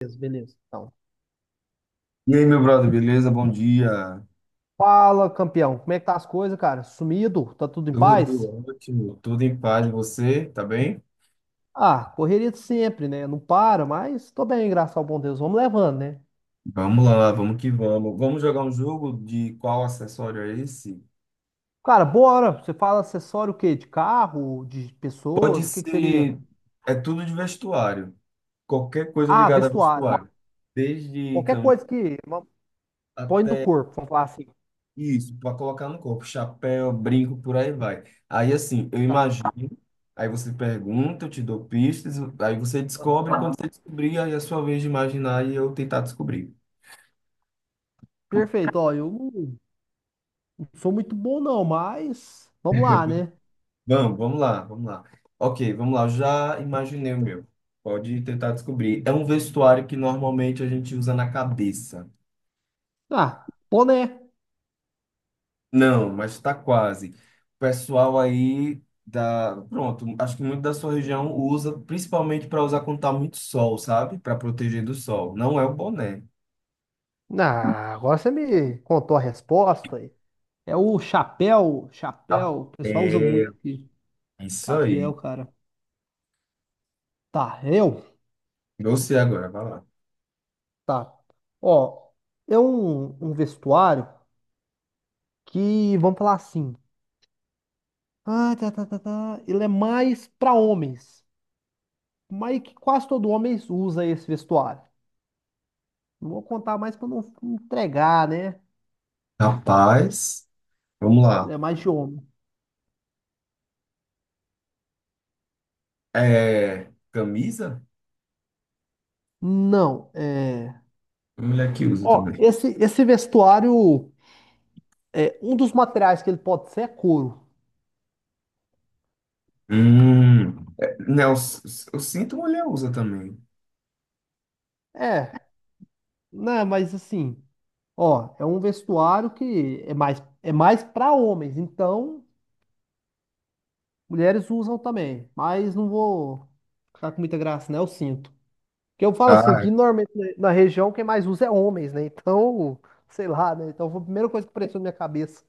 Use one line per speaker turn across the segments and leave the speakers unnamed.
Beleza, beleza. Então,
E aí, meu brother, beleza? Bom dia.
fala, campeão. Como é que tá as coisas, cara? Sumido? Tá tudo em paz?
Tudo ótimo, tudo em paz. E você, tá bem?
Ah, correria de sempre, né? Não para, mas tô bem, graças ao bom Deus. Vamos levando, né?
Vamos lá, vamos que vamos. Vamos jogar um jogo de qual acessório é esse?
Cara, bora. Você fala acessório o quê? De carro? De
Pode
pessoas? O que que seria?
ser, é tudo de vestuário. Qualquer coisa
Ah,
ligada a
vestuário.
vestuário. Desde
Qualquer
camisa
coisa que põe no
até
corpo, vamos falar assim.
isso, para colocar no corpo, chapéu, brinco, por aí vai. Aí assim, eu
Tá.
imagino, aí você pergunta, eu te dou pistas, aí você descobre,
Aham.
quando você descobrir, aí é a sua vez de imaginar e eu tentar descobrir.
Perfeito. Ó, eu não sou muito bom, não, mas vamos lá, né?
Vamos, vamos lá. Ok, vamos lá. Eu já imaginei o meu. Pode tentar descobrir. É um vestuário que normalmente a gente usa na cabeça.
Ah, boné.
Não, mas tá quase. O pessoal aí da. Pronto, acho que muito da sua região usa, principalmente para usar quando tá muito sol, sabe? Para proteger do sol. Não é o boné.
Ah, agora você me contou a resposta aí. É o chapéu,
Tá.
chapéu, o pessoal usa muito aqui.
É isso aí.
Chapéu, cara. Tá, eu?
Você agora, vai lá.
Tá. Ó, é um vestuário que, vamos falar assim, ah, tá, ele é mais pra homens, mas que quase todo homem usa esse vestuário. Não vou contar mais pra não entregar, né?
Rapaz, vamos
Ele
lá.
é mais de homem.
É camisa?
Não.
Mulher que usa
Ó,
também.
esse vestuário, é, um dos materiais que ele pode ser é couro.
É, não, o cinto mulher usa também.
É, né, mas assim. Ó, é um vestuário que é mais para homens, então mulheres usam também, mas não vou ficar com muita graça, né? Eu sinto. Porque eu falo assim,
Ah,
que
é.
normalmente na região quem mais usa é homens, né? Então, sei lá, né? Então foi a primeira coisa que apareceu na minha cabeça.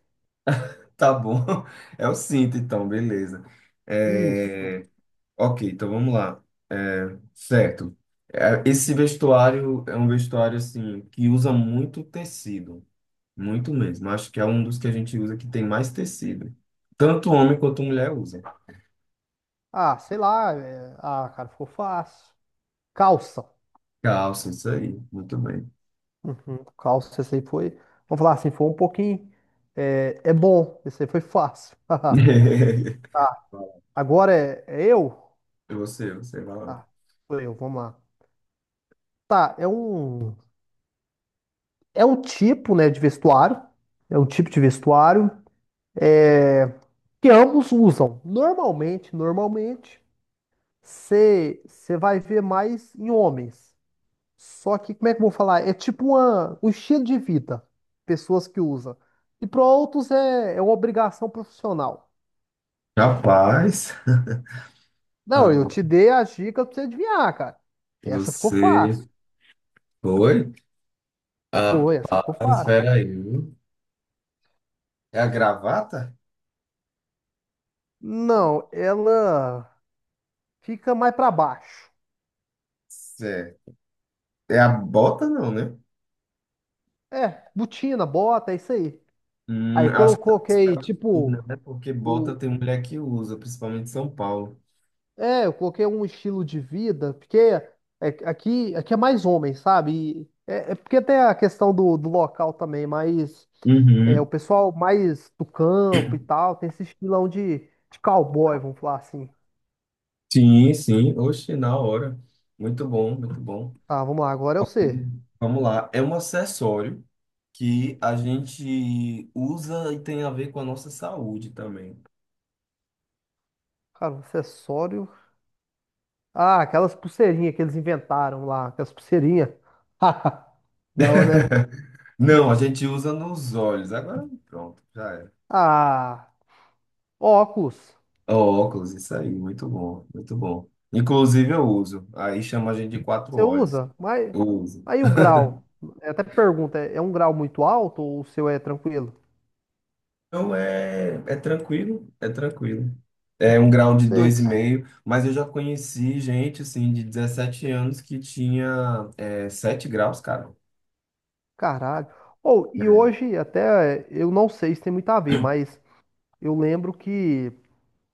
Tá bom. É o cinto, então, beleza.
Isso.
É, ok, então vamos lá. É, certo. É, esse vestuário é um vestuário assim que usa muito tecido, muito mesmo. Acho que é um dos que a gente usa que tem mais tecido. Tanto homem quanto mulher usa.
Ah, sei lá. Ah, cara, ficou fácil. Calça.
Calça, isso aí. Muito bem.
Uhum. Calça, esse aí foi. Vamos falar assim, foi um pouquinho. É bom, esse aí foi fácil. Tá, agora é eu?
Você vai lá.
Tá, sou eu, vamos lá. Tá, é um tipo, né, de vestuário. É um tipo de vestuário é, que ambos usam. Normalmente, você vai ver mais em homens. Só que, como é que eu vou falar? É tipo uma, um estilo de vida. Pessoas que usam. E para outros é uma obrigação profissional.
Rapaz,
Não, eu
agora
te dei a dica pra você adivinhar, cara. Essa ficou
você
fácil.
foi.
Foi, essa
Rapaz,
ficou fácil.
espera aí, viu? É a gravata?
Não, ela. Fica mais pra baixo.
Certo. É a bota, não, né?
É, botina, bota, é isso aí. Aí quando
Acho
eu
que tá mais
coloquei,
pra
tipo,
Minas, né? Porque bota
o...
tem mulher que usa, principalmente em São Paulo.
eu coloquei um estilo de vida, porque aqui é mais homem, sabe? E é porque tem a questão do local também, mas o
Uhum.
pessoal mais do campo e tal, tem esse estilão de cowboy, vamos falar assim.
Sim, sim. Oxe, na hora. Muito bom, muito bom.
Tá, vamos lá, agora é
Ok.
você.
Vamos lá. É um acessório que a gente usa e tem a ver com a nossa saúde também.
Cara, um acessório. Ah, aquelas pulseirinhas que eles inventaram lá, aquelas pulseirinhas. Não, né?
Não, a gente usa nos olhos. Agora pronto, já era.
Ah. Óculos,
Óculos, isso aí, muito bom, muito bom. Inclusive eu uso, aí chama a gente de quatro
você
olhos,
usa? Mas
eu uso.
aí o grau, eu até pergunta, é um grau muito alto ou o seu é tranquilo?
Então é, é tranquilo, é tranquilo. É um grau de
Sei,
dois e
É.
meio, mas eu já conheci gente, assim, de 17 anos que tinha é, 7 graus, cara.
Caralho. Ou e
É.
hoje até eu não sei se tem muito a ver, mas eu lembro que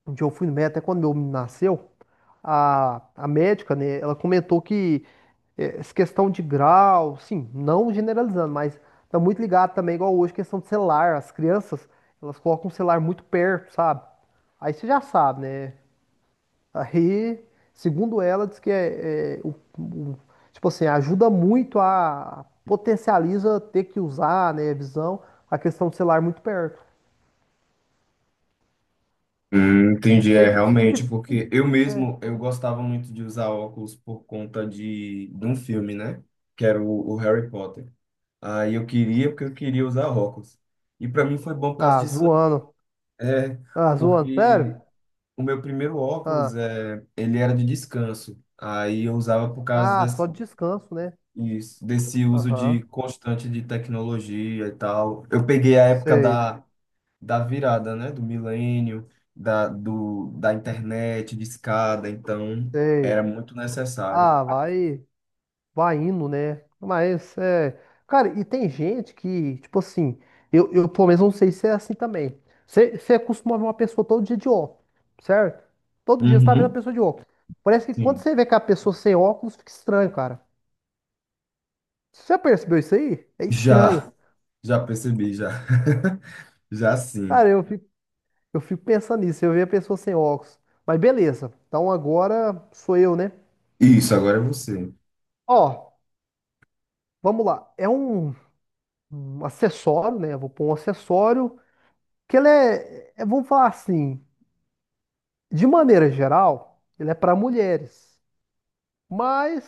um dia eu fui no médico, até quando meu menino nasceu, a médica, né, ela comentou que essa questão de grau, sim, não generalizando, mas tá muito ligado também, igual hoje, questão de celular. As crianças, elas colocam o celular muito perto, sabe? Aí você já sabe, né? Aí, segundo ela, diz que tipo assim, ajuda muito a potencializa ter que usar, né, a visão, a questão do celular muito perto. Não
Entendi, é
sei.
realmente, porque eu mesmo,
É.
eu gostava muito de usar óculos por conta de um filme, né? Que era o Harry Potter. Aí eu queria, porque eu queria usar óculos. E pra mim foi bom por causa
Ah,
disso.
zoando.
É,
Ah, zoando, sério?
porque o meu primeiro óculos,
Ah,
é, ele era de descanso. Aí eu usava por causa
ah,
desse,
só descanso, né?
isso, desse uso de
Aham.
constante de tecnologia e tal. Eu peguei a época
Sei,
da, da virada, né? Do milênio, da internet, de escada então era
sei.
muito necessário.
Ah, vai. Vai indo, né? Mas é. Cara, e tem gente que, tipo assim, eu pelo menos não sei se é assim também. Você costuma ver uma pessoa todo dia de óculos, certo? Todo dia você tá vendo a
Uhum,
pessoa de óculos. Parece que quando
sim.
você vê que a pessoa sem óculos, fica estranho, cara. Você já percebeu isso aí? É estranho.
Já, já percebi, já. Já sim.
Cara, eu fico pensando nisso, eu vejo a pessoa sem óculos. Mas beleza, então agora sou eu, né?
Isso, agora é você.
Ó, vamos lá. É um acessório, né? Eu vou pôr um acessório que ele vamos falar assim. De maneira geral, ele é para mulheres. Mas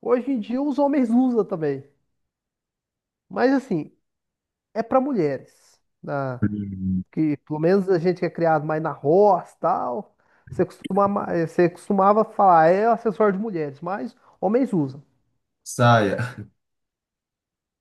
hoje em dia os homens usam também. Mas assim, é para mulheres.
Hum,
Que pelo menos a gente que é criado mais na roça, tal, você costuma, você costumava falar, é acessório de mulheres, mas homens usam.
Saia.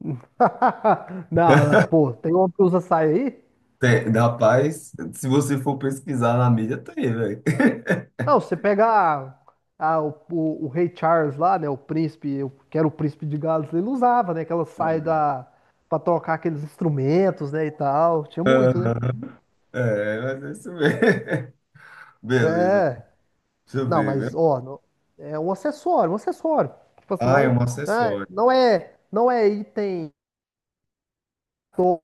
Não, não, pô, tem homem que usa saia aí?
Tem, rapaz, se você for pesquisar na mídia, tem, velho.
Não, você pega o rei Charles lá, né? O príncipe, que era o príncipe de Gales, ele usava, né? Aquela saia da, pra tocar aqueles instrumentos, né? E tal. Tinha muito, né?
Aham, é, mas é isso mesmo. Beleza,
É.
deixa eu
Não,
ver,
mas,
viu?
ó, é um acessório, um acessório. Tipo assim,
Ah, é
não,
um
né,
acessório.
não é item, to-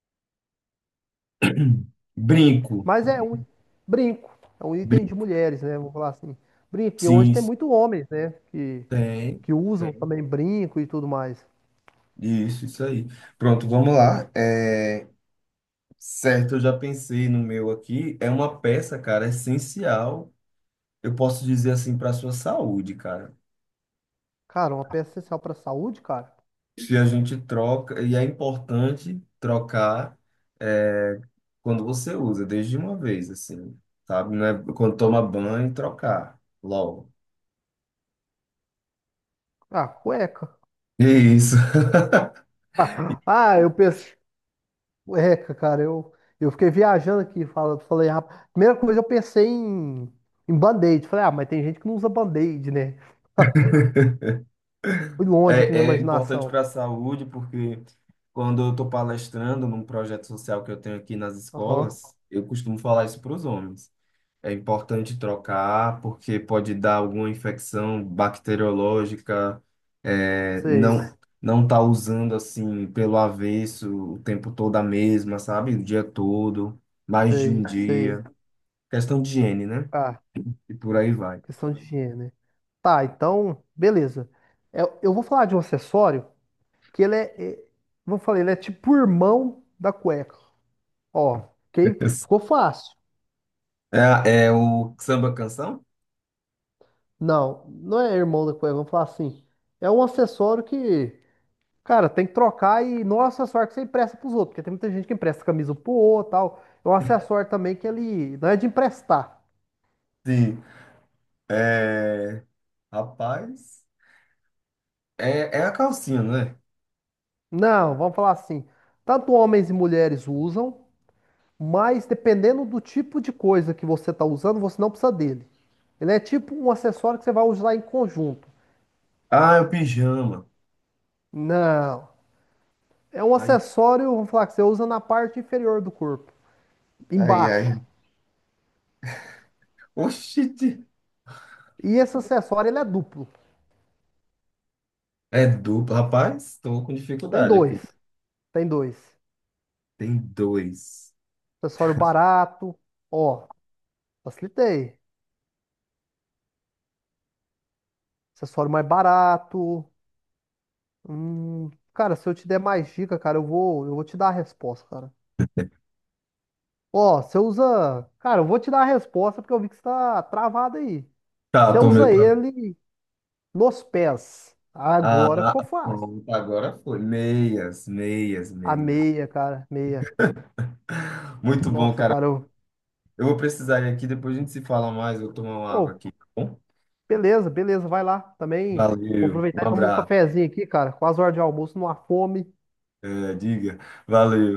Brinco.
mas é um brinco. É um item de
Brinco.
mulheres, né? Vamos falar assim. Brinco, porque hoje
Sim,
tem muito homens, né? Que,
tem,
que usam
tem.
também brinco e tudo mais.
Isso aí. Pronto, vamos lá. É, certo, eu já pensei no meu aqui. É uma peça, cara, essencial. Eu posso dizer assim para sua saúde, cara.
Cara, uma peça essencial pra saúde, cara.
E a gente troca, e é importante trocar, é, quando você usa, desde uma vez, assim, sabe? Não é quando toma banho, trocar logo.
Ah, cueca.
E é isso.
Ah, ah, eu pensei. Cueca, cara. Eu fiquei viajando aqui. Falei, rapaz. Primeira coisa eu pensei em, band-aid. Falei, ah, mas tem gente que não usa band-aid, né? Fui longe aqui na
É, é importante
imaginação.
para a saúde, porque quando eu estou palestrando num projeto social que eu tenho aqui nas
Aham.
escolas, eu costumo falar isso para os homens. É importante trocar, porque pode dar alguma infecção bacteriológica, é,
Sei,
não tá usando assim pelo avesso o tempo todo a mesma, sabe? O dia todo, mais de um
sei, sei.
dia. Questão de higiene, né?
Ah,
E por aí vai.
questão de higiene, né? Tá, então, beleza. Eu vou falar de um acessório que ele é. Vou falar, ele é tipo o irmão da cueca. Ó, ok? Ficou fácil.
É, é o samba canção?
Não, não é irmão da coisa, vamos falar assim. É um acessório que, cara, tem que trocar e não é um acessório que você empresta pros outros, porque tem muita gente que empresta camisa pro outro e tal. É um acessório também que ele não é de emprestar.
Sim. É, rapaz, é, é a calcinha, né?
Não, vamos falar assim. Tanto homens e mulheres usam, mas dependendo do tipo de coisa que você tá usando, você não precisa dele. Ele é tipo um acessório que você vai usar em conjunto.
Ah, é o pijama.
Não, é um
Aí,
acessório, vamos falar que você usa na parte inferior do corpo,
ai, ai.
embaixo.
Oxi,
E esse acessório ele é duplo.
é duplo, rapaz, tô com
Tem
dificuldade aqui.
dois. Tem dois.
Tem dois.
Acessório barato. Ó, facilitei. Acessório mais barato. Cara, se eu te der mais dica, cara, eu vou te dar a resposta, cara. Ó, você usa. Cara, eu vou te dar a resposta porque eu vi que você tá travado aí.
Tá,
Você
tô meu
usa
tá.
ele nos pés. Agora
Ah,
ficou fácil.
pronto, agora foi. Meias, meias,
A
meias.
meia, cara, meia.
Muito bom,
Nossa,
cara.
cara.
Eu vou precisar ir aqui, depois a gente se fala mais. Eu vou tomar uma água
Ô,
aqui, tá bom?
beleza, beleza, vai lá. Também vou
Valeu, um
aproveitar e tomar um
abraço.
cafezinho aqui, cara. Quase hora de almoço, numa fome.
É, diga, valeu.